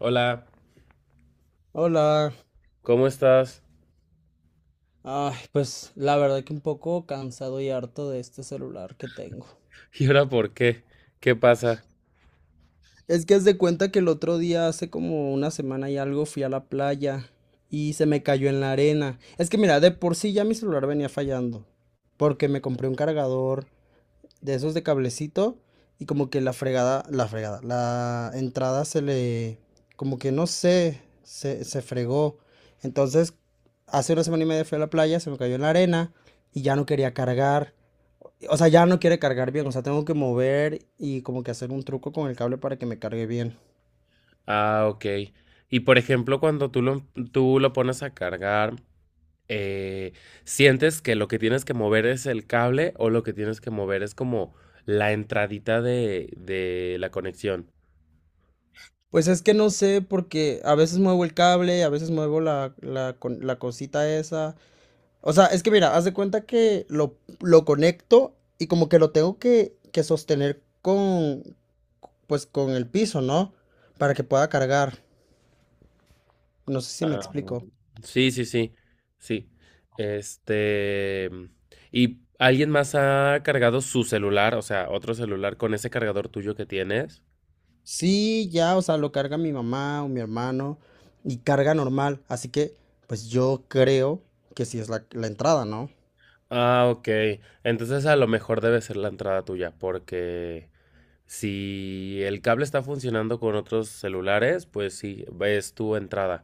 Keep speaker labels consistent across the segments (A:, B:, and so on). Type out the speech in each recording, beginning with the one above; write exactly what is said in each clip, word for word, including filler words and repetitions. A: Hola,
B: Hola.
A: ¿cómo estás?
B: Ay, pues la verdad que un poco cansado y harto de este celular que tengo.
A: ¿Y ahora por qué? ¿Qué pasa?
B: Es que haz de cuenta que el otro día, hace como una semana y algo, fui a la playa y se me cayó en la arena. Es que mira, de por sí ya mi celular venía fallando porque me compré un cargador de esos de cablecito y como que la fregada, la fregada, la entrada se le, como que no sé, se, se fregó. Entonces, hace una semana y media fui a la playa, se me cayó en la arena y ya no quería cargar. O sea, ya no quiere cargar bien, o sea, tengo que mover y como que hacer un truco con el cable para que me cargue bien.
A: Ah, ok. Y por ejemplo, cuando tú lo, tú lo pones a cargar, eh, ¿sientes que lo que tienes que mover es el cable o lo que tienes que mover es como la entradita de, de la conexión?
B: Pues es que no sé, porque a veces muevo el cable, a veces muevo la, la, con- la cosita esa. O sea, es que mira, haz de cuenta que lo, lo conecto y como que lo tengo que, que sostener con, pues con el piso, ¿no? Para que pueda cargar. No sé si me
A: Ah,
B: explico.
A: sí, sí, sí, sí. Este... ¿Y alguien más ha cargado su celular, o sea, otro celular con ese cargador tuyo que tienes?
B: Sí, ya, o sea, lo carga mi mamá o mi hermano y carga normal. Así que, pues yo creo que sí es la, la entrada, ¿no?
A: Ah, ok. Entonces a lo mejor debe ser la entrada tuya, porque si el cable está funcionando con otros celulares, pues sí, es tu entrada.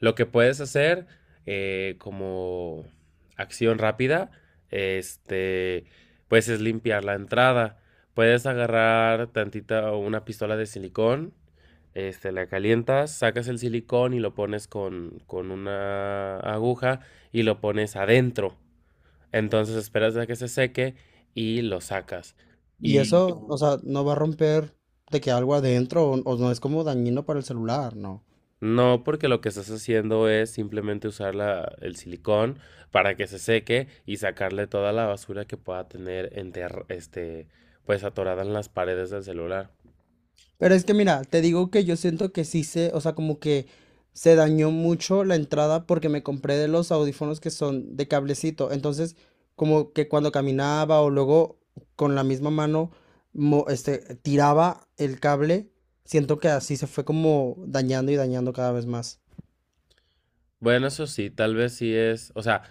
A: Lo que puedes hacer eh, como acción rápida, este, pues es limpiar la entrada. Puedes agarrar tantita o una pistola de silicón, este, la calientas, sacas el silicón y lo pones con, con una aguja y lo pones adentro. Entonces esperas a que se seque y lo sacas.
B: Y
A: Y
B: eso, o sea, no va a romper de que algo adentro o, o no es como dañino para el celular, ¿no?
A: no, porque lo que estás haciendo es simplemente usar la- el silicón para que se seque y sacarle toda la basura que pueda tener enter- este, pues atorada en las paredes del celular.
B: Pero es que mira, te digo que yo siento que sí se, o sea, como que se dañó mucho la entrada porque me compré de los audífonos que son de cablecito. Entonces, como que cuando caminaba o luego con la misma mano mo- este, tiraba el cable, siento que así se fue como dañando y dañando cada vez más.
A: Bueno, eso sí, tal vez sí es, o sea,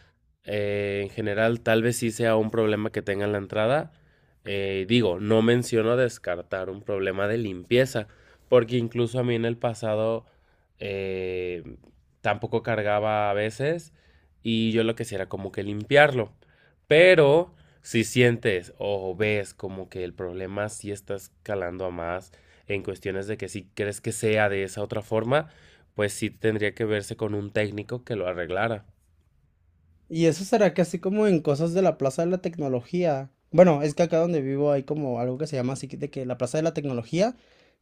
A: eh, en general tal vez sí sea un problema que tenga en la entrada. Eh, digo, no menciono descartar un problema de limpieza, porque incluso a mí en el pasado eh, tampoco cargaba a veces y yo lo que hacía era como que limpiarlo. Pero si sientes o ves como que el problema sí está escalando a más en cuestiones de que si crees que sea de esa otra forma, pues sí tendría que verse con un técnico que lo arreglara.
B: Y eso será que así como en cosas de la Plaza de la Tecnología. Bueno, es que acá donde vivo hay como algo que se llama así de que la Plaza de la Tecnología.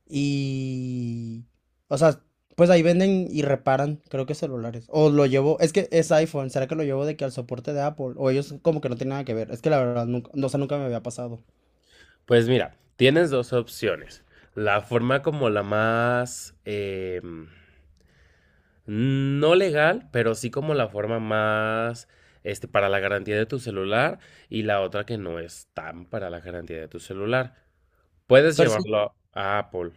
B: Y... O sea, pues ahí venden y reparan, creo que celulares. O lo llevo, es que es iPhone, ¿será que lo llevo de que al soporte de Apple? O ellos como que no tienen nada que ver. Es que la verdad, nunca, no, o sea, nunca me había pasado.
A: Pues mira, tienes dos opciones. La forma como la más... eh, no legal, pero sí como la forma más este, para la garantía de tu celular y la otra que no es tan para la garantía de tu celular. Puedes
B: Pero es
A: llevarlo a Apple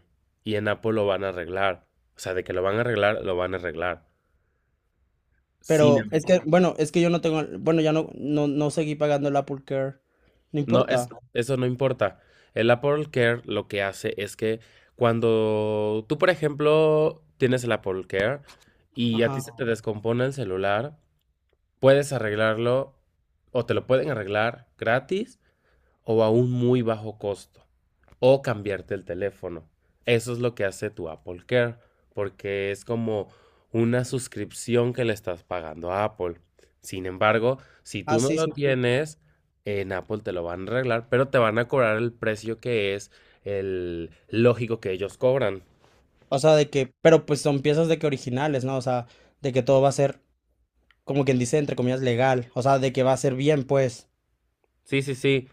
A: y en Apple lo van a arreglar. O sea, de que lo van a arreglar, lo van a arreglar. Sin,
B: pero es
A: em-
B: que, bueno, es que yo no tengo, bueno, ya no, no, no seguí pagando el Apple Care. No
A: No,
B: importa.
A: es, eso no importa. El Apple Care lo que hace es que cuando tú, por ejemplo, tienes el Apple Care y a ti se
B: Ajá.
A: te descompone el celular, puedes arreglarlo o te lo pueden arreglar gratis o a un muy bajo costo o cambiarte el teléfono. Eso es lo que hace tu Apple Care porque es como una suscripción que le estás pagando a Apple. Sin embargo, si
B: Ah,
A: tú no
B: sí,
A: lo
B: sí.
A: tienes, en Apple te lo van a arreglar, pero te van a cobrar el precio que es el lógico que ellos cobran.
B: O sea, de que, pero pues son piezas de que originales, ¿no? O sea, de que todo va a ser, como quien dice, entre comillas, legal. O sea, de que va a ser bien, pues.
A: Sí, sí, sí.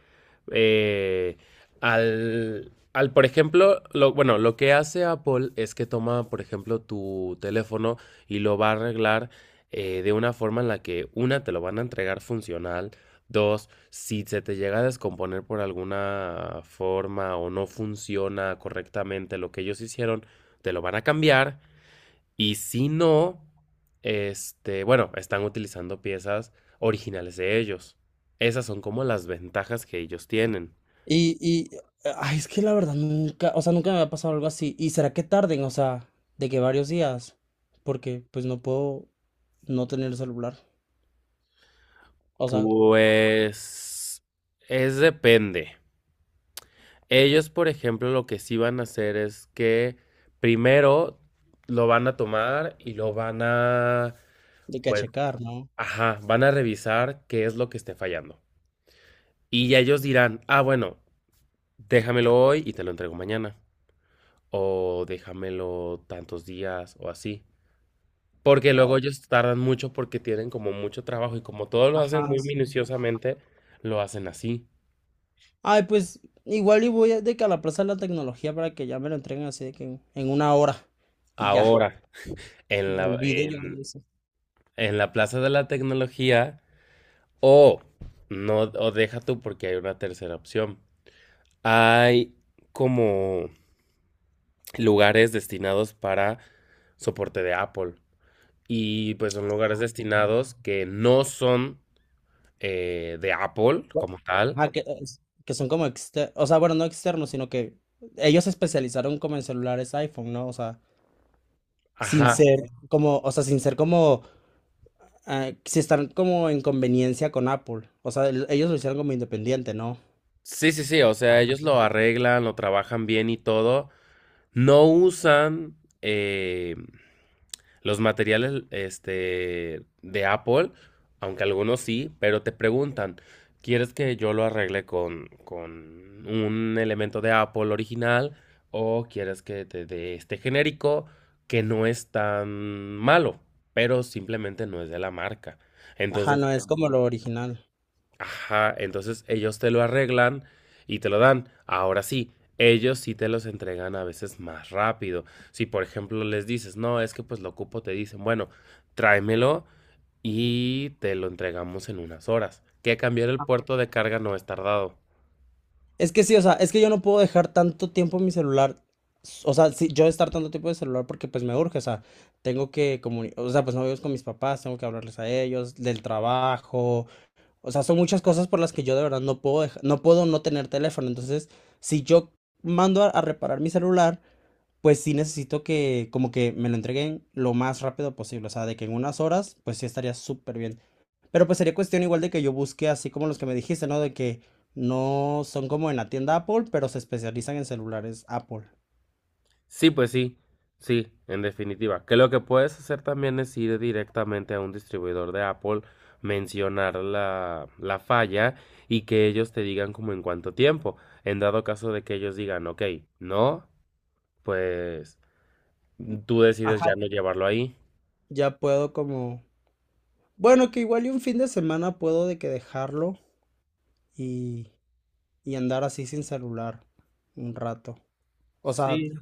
A: Eh, al, al, por ejemplo, lo, bueno, lo que hace Apple es que toma, por ejemplo, tu teléfono y lo va a arreglar eh, de una forma en la que, una, te lo van a entregar funcional, dos, si se te llega a descomponer por alguna forma o no funciona correctamente lo que ellos hicieron, te lo van a cambiar y si no, este, bueno, están utilizando piezas originales de ellos. Esas son como las ventajas que ellos tienen.
B: Y, y, ay, es que la verdad nunca, o sea, nunca me ha pasado algo así. ¿Y será que tarden? O sea, de que varios días, porque pues no puedo no tener el celular. O sea,
A: Pues es depende. Ellos, por ejemplo, lo que sí van a hacer es que primero lo van a tomar y lo van a,
B: de que a
A: pues,
B: checar, ¿no?
A: ajá, van a revisar qué es lo que esté fallando. Y ya ellos dirán, ah, bueno, déjamelo hoy y te lo entrego mañana. O déjamelo tantos días o así. Porque
B: Oh,
A: luego ellos tardan mucho porque tienen como mucho trabajo y como todos lo hacen
B: ajá,
A: muy
B: sí.
A: minuciosamente, lo hacen así.
B: Ay, pues igual y voy a- de que a la Plaza de la Tecnología para que ya me lo entreguen así de que en, en una hora y ya.
A: Ahora, en
B: Me
A: la,
B: olvido yo de
A: en,
B: eso.
A: en la Plaza de la Tecnología, o no, o deja tú porque hay una tercera opción. Hay como lugares destinados para soporte de Apple. Y pues son lugares destinados que no son eh, de Apple
B: Bu-
A: como tal.
B: Ajá, que, es- que son como externos, o sea, bueno, no externos, sino que ellos se especializaron como en celulares iPhone, ¿no? O sea, sin
A: Ajá.
B: ser como, o sea, sin ser como ah, si están como en conveniencia con Apple. O sea, el- ellos lo hicieron como independiente, ¿no?
A: Sí, sí, sí, o sea, ellos lo
B: Sí.
A: arreglan, lo trabajan bien y todo. No usan eh, los materiales este, de Apple, aunque algunos sí, pero te preguntan, ¿quieres que yo lo arregle con, con un elemento de Apple original o quieres que te dé este genérico que no es tan malo, pero simplemente no es de la marca?
B: Ajá,
A: Entonces,
B: no, es como lo original.
A: ajá, entonces ellos te lo arreglan y te lo dan. Ahora sí, ellos sí te los entregan a veces más rápido. Si por ejemplo les dices, no, es que pues lo ocupo, te dicen, bueno, tráemelo y te lo entregamos en unas horas. Que cambiar el puerto de carga no es tardado.
B: Es que sí, o sea, es que yo no puedo dejar tanto tiempo en mi celular. S- O sea, sí, yo estar tanto tiempo en el celular porque pues me urge, o sea, tengo que comunicar, o sea, pues no vivo con mis papás, tengo que hablarles a ellos, del trabajo, o sea, son muchas cosas por las que yo de verdad no puedo deja- no puedo no tener teléfono. Entonces, si yo mando a, a reparar mi celular, pues sí necesito que como que me lo entreguen lo más rápido posible, o sea, de que en unas horas, pues sí estaría súper bien. Pero pues sería cuestión igual de que yo busque así como los que me dijiste, ¿no? De que no son como en la tienda Apple, pero se especializan en celulares Apple.
A: Sí, pues sí, sí, en definitiva. Que lo que puedes hacer también es ir directamente a un distribuidor de Apple, mencionar la, la falla y que ellos te digan como en cuánto tiempo. En dado caso de que ellos digan, ok, no, pues tú decides ya
B: Ajá.
A: no llevarlo ahí.
B: Ya puedo como... Bueno, que igual y un fin de semana puedo de que dejarlo y, y andar así sin celular un rato. O sea,
A: Sí.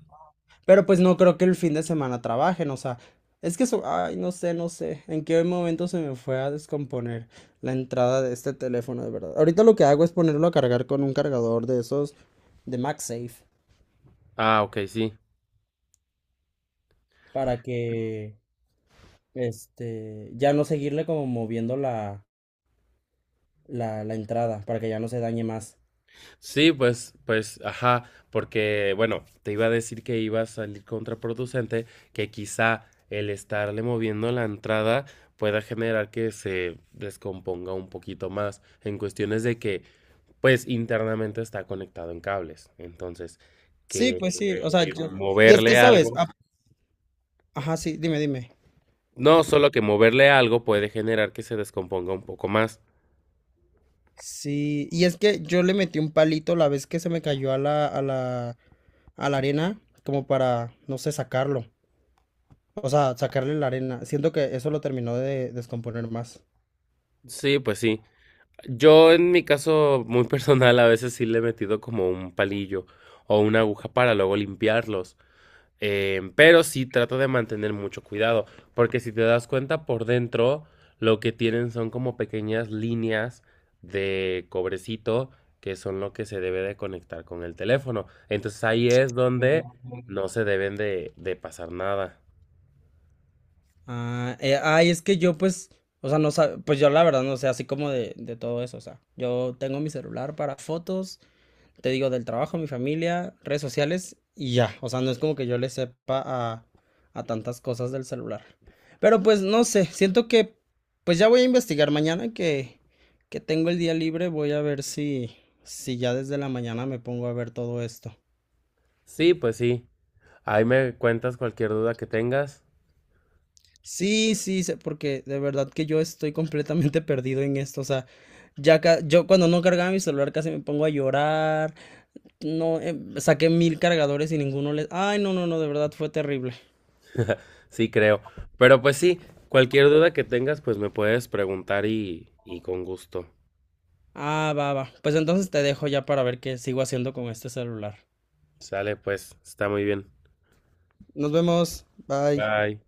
B: pero pues no creo que el fin de semana trabajen, o sea, es que eso, ay, no sé, no sé, en qué momento se me fue a descomponer la entrada de este teléfono, de verdad. Ahorita lo que hago es ponerlo a cargar con un cargador de esos de MagSafe
A: Ah, ok, sí.
B: para que, este, ya no seguirle como moviendo la, la, la entrada, para que ya no se dañe más.
A: Sí, pues, pues, ajá, porque, bueno, te iba a decir que iba a salir contraproducente, que quizá el estarle moviendo la entrada pueda generar que se descomponga un poquito más en cuestiones de que, pues, internamente está conectado en cables. Entonces,
B: Sí,
A: que
B: pues sí, o sea,
A: eh,
B: yo... Y es que,
A: moverle
B: ¿sabes?
A: algo,
B: Ah, Ajá, sí, dime, dime.
A: no, solo que moverle algo puede generar que se descomponga un poco más.
B: Sí, y es que yo le metí un palito la vez que se me cayó a la, a la, a la arena, como para, no sé, sacarlo. O sea, sacarle la arena. Siento que eso lo terminó de descomponer más.
A: Sí, pues sí. Yo en mi caso muy personal a veces sí le he metido como un palillo o una aguja para luego limpiarlos. eh, pero sí trato de mantener mucho cuidado, porque si te das cuenta por dentro lo que tienen son como pequeñas líneas de cobrecito que son lo que se debe de conectar con el teléfono. Entonces ahí es donde no se deben de, de pasar nada.
B: Ah, eh, ay, es que yo pues, o sea, no sab- pues yo la verdad no sé así como de, de todo eso, o sea, yo tengo mi celular para fotos te digo, del trabajo, mi familia, redes sociales y ya. O sea, no es como que yo le sepa a, a tantas cosas del celular. Pero pues no sé, siento que pues ya voy a investigar mañana que, que tengo el día libre, voy a ver si, si ya desde la mañana me pongo a ver todo esto.
A: Sí, pues sí. Ahí me cuentas cualquier duda que tengas.
B: Sí, sí, sé- porque de verdad que yo estoy completamente perdido en esto, o sea, ya ca- yo cuando no cargaba mi celular casi me pongo a llorar, no, em, saqué mil cargadores y ninguno les... Ay, no, no, no, de verdad fue terrible.
A: Sí, creo. Pero pues sí, cualquier duda que tengas, pues me puedes preguntar y, y con gusto.
B: Ah, va, va. Pues entonces te dejo ya para ver qué sigo haciendo con este celular.
A: Sale, pues, está muy bien.
B: Nos vemos. Bye.
A: Bye.